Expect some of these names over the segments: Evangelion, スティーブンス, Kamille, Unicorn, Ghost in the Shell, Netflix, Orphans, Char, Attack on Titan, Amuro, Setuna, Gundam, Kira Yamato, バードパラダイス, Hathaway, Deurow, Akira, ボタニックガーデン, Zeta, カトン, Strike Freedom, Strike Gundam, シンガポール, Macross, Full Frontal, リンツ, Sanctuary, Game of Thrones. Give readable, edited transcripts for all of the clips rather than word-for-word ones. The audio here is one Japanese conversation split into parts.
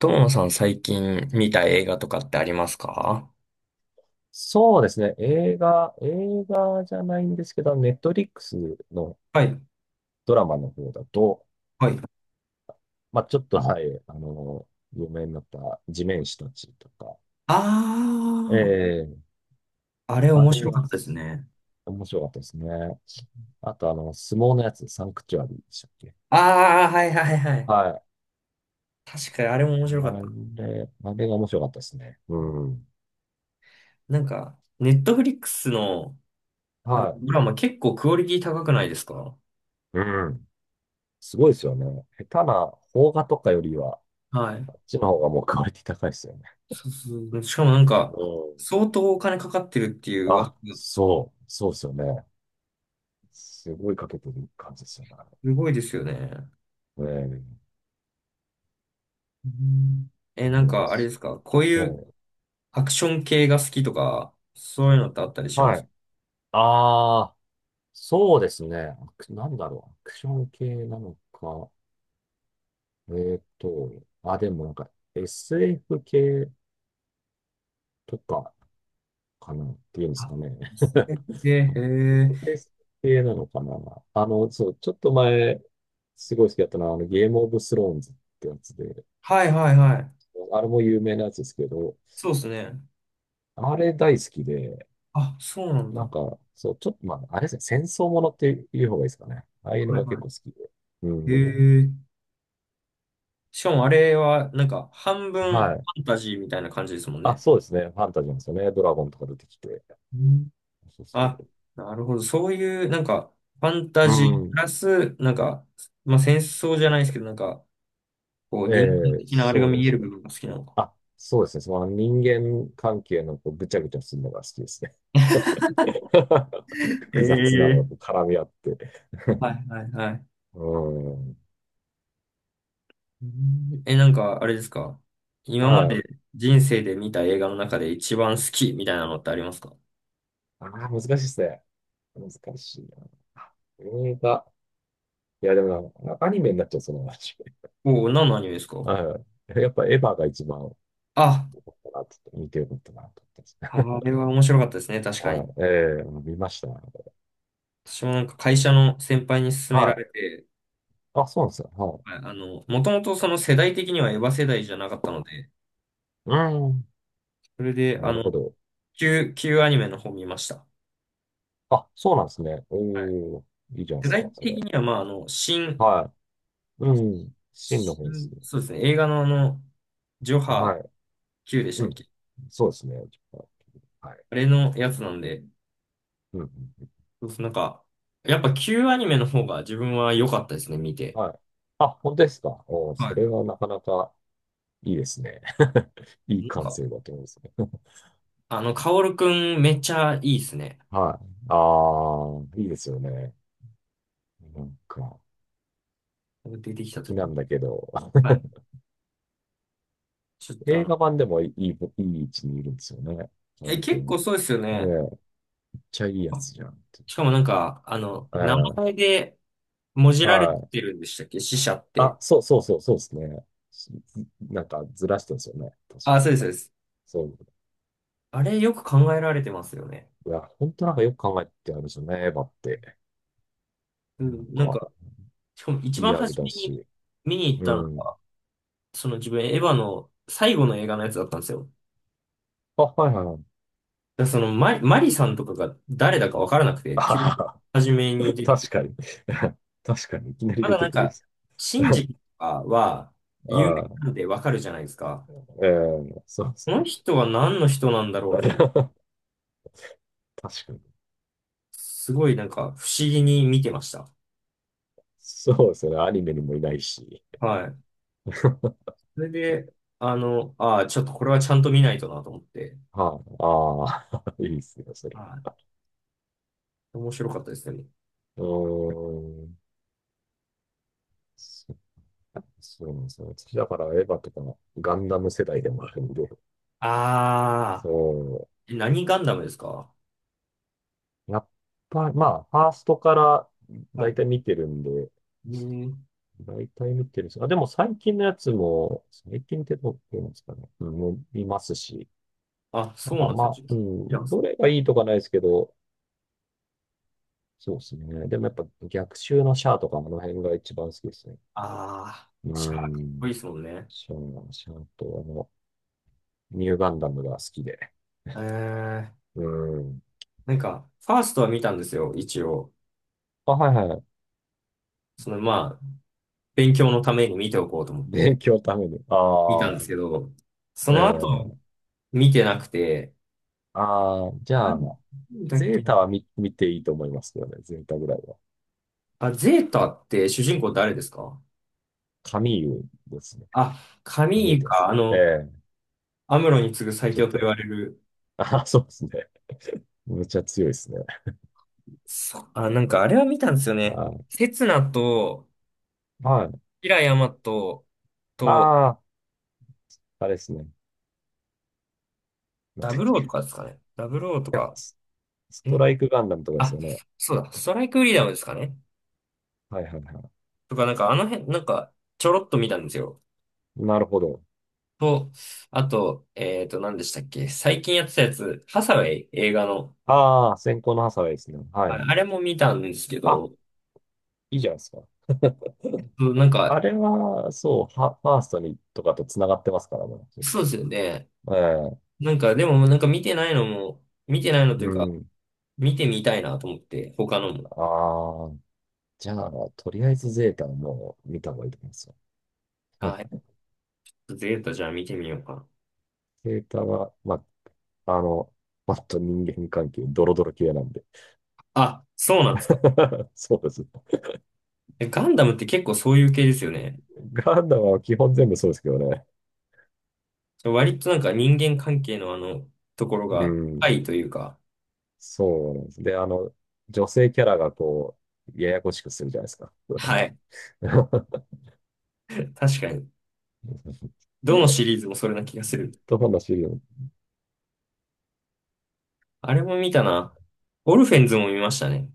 友野さん最近見た映画とかってありますか？そうですね。映画じゃないんですけど、ネットリックスのはい、ドラマの方だと、はい。まあ、ちょっと、はい、あの、有名になった地面師たちとか、あええあ、あれあ面れ白かっはたですね。面白かったですね。あと、相撲のやつ、サンクチュアリーでしたっけ。ああ、はいはいはい。はい。確かにあれも面白かっあた。あれが面白かったですね。うん。ネットフリックスの、はドラマ結構クオリティ高くないですか？い。うん。すごいですよね。下手な邦画とかよりは、はあい。っちの方がもうクオリティ高いですよね。そうそう。しかもなんか、うん。相当お金かかってるっていう噂。そうですよね。すごいかけてる感じですよね。すごいですよね。ええ、うん。え、そなんうなんでか、あれですすよ。かこうえいうえ、アクション系が好きとか、そういうのってあったりしまはす？い。ああ、そうですね。アクなんだろう。アクション系なのか。えっと、あ、でもなんか SF 系とかかなっていうんですかあ、ね。え、え、へえ、 SF 系なのかな。そう、ちょっと前、すごい好きだったのは、ゲームオブスローンズってやつで、はいはいはい。あれも有名なやつですけど、そうですね。あれ大好きで、あ、そうなんなんだ。か、そう、ちょっと、まあ、あれですね、戦争ものっていう方がいいですかね。ああいうのはいが結は構好きで。うい。へん。え。しかもあれは、半分フはい。ァンタジーみたいな感じですもんあ、ね。そうですね。ファンタジーなんですよね。ドラゴンとか出てきて。うん。そうそあ、う。なるほど。そういう、なんか、ファンタうジープん。ラス、戦争じゃないですけど、え人間え、的なあれがそうで見えするね。部分が好きなのか。あ、そうですね。その人間関係のこうぐちゃぐちゃするのが好きですね。複雑なのがこえうえ、絡み合って。はいはいはい。うん。うん。え、なんか、あれですか今まはでい。人生で見た映画の中で一番好きみたいなのってありますか？ああ、難しいですね。難しいな。あ、映画。いや、でもな、アニメになっちゃう、その話。おおー、何のアニメですか？はい。やっぱエヴァが一番かあ、なって見てよかったなと思ってあますね。れは面白かったですね、確かはに。い。ええ、見ました。私もなんか会社の先輩に勧めらはれい。て、あ、そうなんですよ。はい。はい、もともとその世代的にはエヴァ世代じゃなかったので、うーん。それで、なるほど。旧アニメの方見ました。あ、そうなんですね。うはい。ーん。いいじゃないで世す代か、そ的れ。には、まあ、あの、新、はい。うん。真の方です新、ね。そうですね、映画のジョハ はい。Q でしうたっん。け？そうですね。ちょっとはい。あれのやつなんで、うんうん。そうそう、なんか、やっぱ旧アニメの方が自分は良かったですね、見うん。て。はい。あ、本当ですか。おー、それははなかなかいいですね。いいい。感性だと思うんですね。カオルくんめっちゃいいですね。はい。ああ、いいですよね。なんか。出てきた敵時なに。んだけど、はい。ちょっとあ映の、画版でもいい位置にいるんですよね。カーえ、ル結構君。そうですよこれ、ね。めっちゃいいやあ、つじゃんって。しかもなんか、あの、名前ええ、でもじられはい。てるんでしたっけ死者って？そうですね。なんかずらしてるんですよね。確あ、そか。うです、そうです。そう。あれよく考えられてますよね。いや、本当なんかよく考えてあるんですよね、エヴァって。うなんん、なんか、か、しかも一リ番アル初だめにし。見に行っうたのん。が、その自分エヴァの最後の映画のやつだったんですよ。あ、はいはいはい。だそのマリさんとかが誰だかわからなくて、あは急には。 初めに 出てく確る。かに。確かに、いきなりま出だてなんくる。か、シンジ とかは有名ああ、なんでわかるじゃないですか。ええ、そうでこすのね。人は何の人なんだ ろうと思って、確かに。すごいなんか不思議に見てました。そうですね。アニメにもいないし。はい。それで、ああ、ちょっとこれはちゃんと見ないとなと思って。はあ、ああ、いいですよ、それは。はい。面白かったですね。うーん。そそうなんですよ。私だからエヴァとかガンダム世代でもあるんで、ああ、そえ、何ガンダムですか？う。やっぱり、まあ、ファーストからは大体見てるんで、い。ねえ。大体見てるんです。あ、でも最近のやつも、最近ってどう言うんですかね。うん、見ますし。あ、そうなんですよ。ちょっと聞いてます。どれがいいとかないですけど、そうですね。でもやっぱ逆襲のシャアとかもあの辺が一番好きですね。ああ、うじゃあかっこいん。いですもんね。シャアとニューガンダムが好きで。えー、うん。ファーストは見たんですよ、一応。あ、はいはい。その、まあ、勉強のために見ておこうと思 っ勉て、強のために。あ見たんあ、ですけど、その後、ええ。見てなくて、ああー、じなゃんあ、だっゼけータな。は見、見ていいと思いますけどね。ゼータぐらいは。あ、ゼータって主人公誰ですか？カミーユですね。あ、カカミーミユーでか、す。ええ。アムロに次ぐ最ちょ強っと言わと、れる。ああ、そうですね。めっちゃ強いですね。そあ、なんかあれは見たんですよね。あセツナと、あ、はい。キラヤマとあと、あ、あれですね。なんダだっブロけ。ーとかですかね。ダブローとや、か、スストえ、ライクガンダムとかですあ、よね。そうだ、ストライクフリーダムですかね。はいはいはとか、なんかあの辺、なんか、ちょろっと見たんですよ。い。なるほど。と、あと、何でしたっけ最近やってたやつ、ハサウェイ映画の。ああ、先行のハサウェイですね。はあれ、い。あれも見たんですけあ、ど、いいじゃないですか。うん。そうなんあか、れは、ファーストにとかと繋がってますからね、結そうで構。すよね。ええ、でも、見てないのも、見てないのといううか、ん。見てみたいなと思って、他のも。ああ、じゃあ、とりあえずゼータはもう見た方がいいと思いますよ。あ、やっうん。ぱゼータじゃあ見てみようかな。ゼータは、あ、あの、もっと人間関係、ドロドロ系なんで。あ、そうなんですか？そうです。え、ガンダムって結構そういう系ですよね。ガンダムは基本全部そうですけどね。割となんか人間関係のあの、ところうが、ん。愛というか、そうなんです。で、女性キャラがこう、ややこしくするじゃないですか。はい。確かに。どのシリーズもそれな気がする。と話を。あれも見たな。オルフェンズも見ましたね。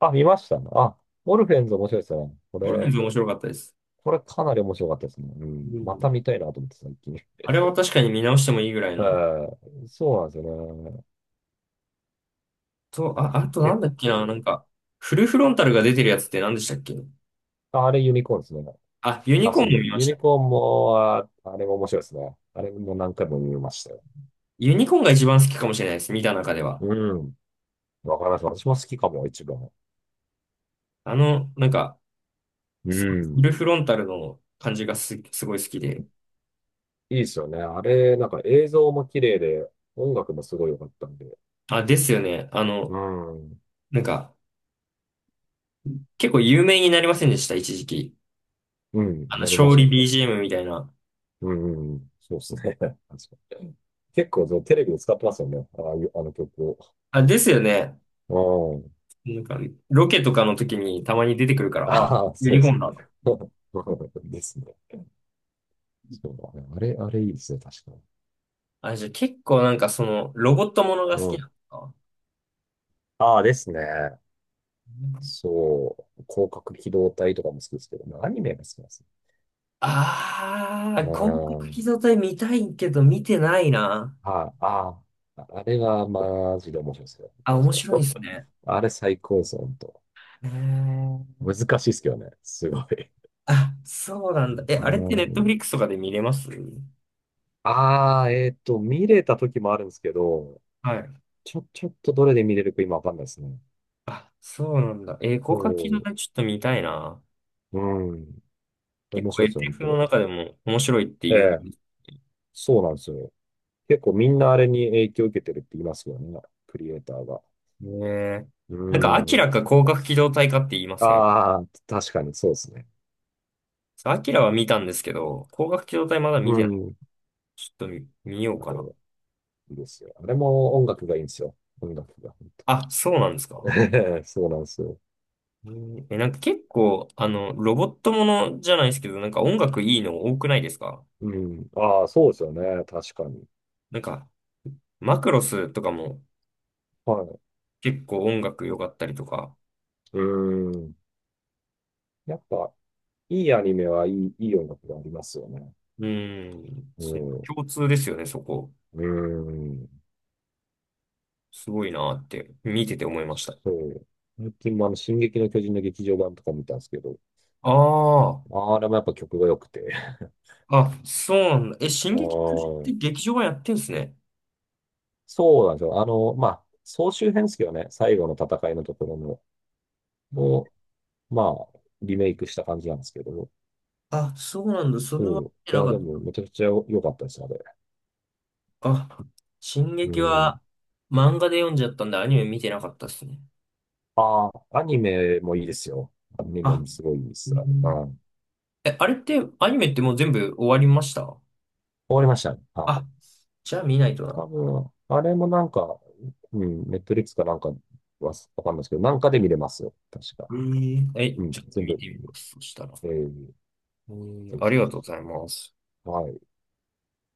あ、見ました。あ、オルフェンズ面白いですね。こオルフェンれ、ズ面白かったです。これかなり面白かったですね。ううん。またん。見たいなと思って、最近。あれは確かに見直してもいいぐらい えの。ー、そうなんですよと、ね。あ、あとなん結だっけな、なん構。か、フルフロンタルが出てるやつって何でしたっけ？あ、あれユニコーンですね。あ、ユニあ、コーそンもう、見まユした。ニコーンも、あ、あれも面白いですね。あれも何回も見ましたよ。ユニコーンが一番好きかもしれないです、見た中では。うん。わかります。私も好きかも、一番。あの、なんか、うすごいフん。ルフロンタルの感じがす、すごい好きで。いいですよね。あれ、なんか映像も綺麗で、音楽もすごい良かったんで。あ、ですよね。うん。なんか、結構有名になりませんでした、一時期。うん、あの、なりま勝した利 ね。BGM みたいな。うん、そうですね。確かに結構そうテレビで使ってますよね。ああいう、あの曲あ、ですよね。を。うん。なんか、ロケとかの時にたまに出てくるから、ああ、ああ、ユそニうコーそンう。だと思って。ですね。そう、あれ、あれいいですね、確かに。あ、じゃあ結構なんかその、ロボットものがう好きなん。のか。ああ、ですね。そう。広角機動隊とかも好きですけどね、アニメが好きなんですよ。ああ、う広角機ん。動隊見たいけど見てないな。はい。ああ、あれはマジで面白いですよ。あ、面白いですね。あれ最高です、本んと。えー、難しいっすけどね。すごい。あ、そうなんだ。え、あなれってネットフんリックスとかで見れます？ああ、見れた時もあるんですけど、はい。ちょっとどれで見れるか今わかんないですね。あ、そうなんだ。えー、そ広角機動う。隊ちょっと見たいな。うん。結面構白エ いですよ、本 f 当のん。中でも面白いってえいえ、う。そうなんですよ。結構みんなあれに影響を受けてるって言いますよね。クリエイターが。ねえ。うなんか、明ん。らか広角機動隊かって言いません？ああ、確かにそうですね。アキラは見たんですけど、光学機動隊まだ見うてない。ん。ちょっと見ようあかれ、な。いいですよ。あれも音楽がいいんですよ。音楽が。本あ、そうなんですか？当。 そうなんですよ。えーえなんか結構、あの、ロボットものじゃないですけど、なんか音楽いいの多くないですか？うん。ああ、そうですよね。確かに。なんか、マクロスとかもはい。結構音楽良かったりとか。うん。やっぱ、いいアニメはいい音楽がありますよね。うーん、うそん。共通ですよね、そこ。うん。すごいなーって、見てて思いました。そう。最近もあの、進撃の巨人の劇場版とか見たんですけど、ああ、あれもやっぱ曲が良くて。あ、そうなんだ。え、進撃の巨人っうてん。劇場はやってんすね。そうなんですよ。総集編ですけどね、最後の戦いのところの、もう、まあ、リメイクした感じなんですけど、あ、そうなんだ。それはそ見てう。いなや、かでっも、た。めちゃくちゃ良かったです、あれ。あ、進う撃はん。漫画で読んじゃったんでアニメ見てなかったですね。ああ、アニメもいいですよ。アニメあ、もすごいいいでうす。うん。ん。え、あれってアニメってもう全部終わりました？終わりましたね。あ、あ、じゃあ見ないと多な。分、あれもなんか、うん、ネットリックスかなんかはわかんないですけど、なんかで見れますよ。確か。えーえ、うん、ちょっと全見部、てみます。そしたら。えー、えぜー、あひりがぜとうごひ。ざいます。はい。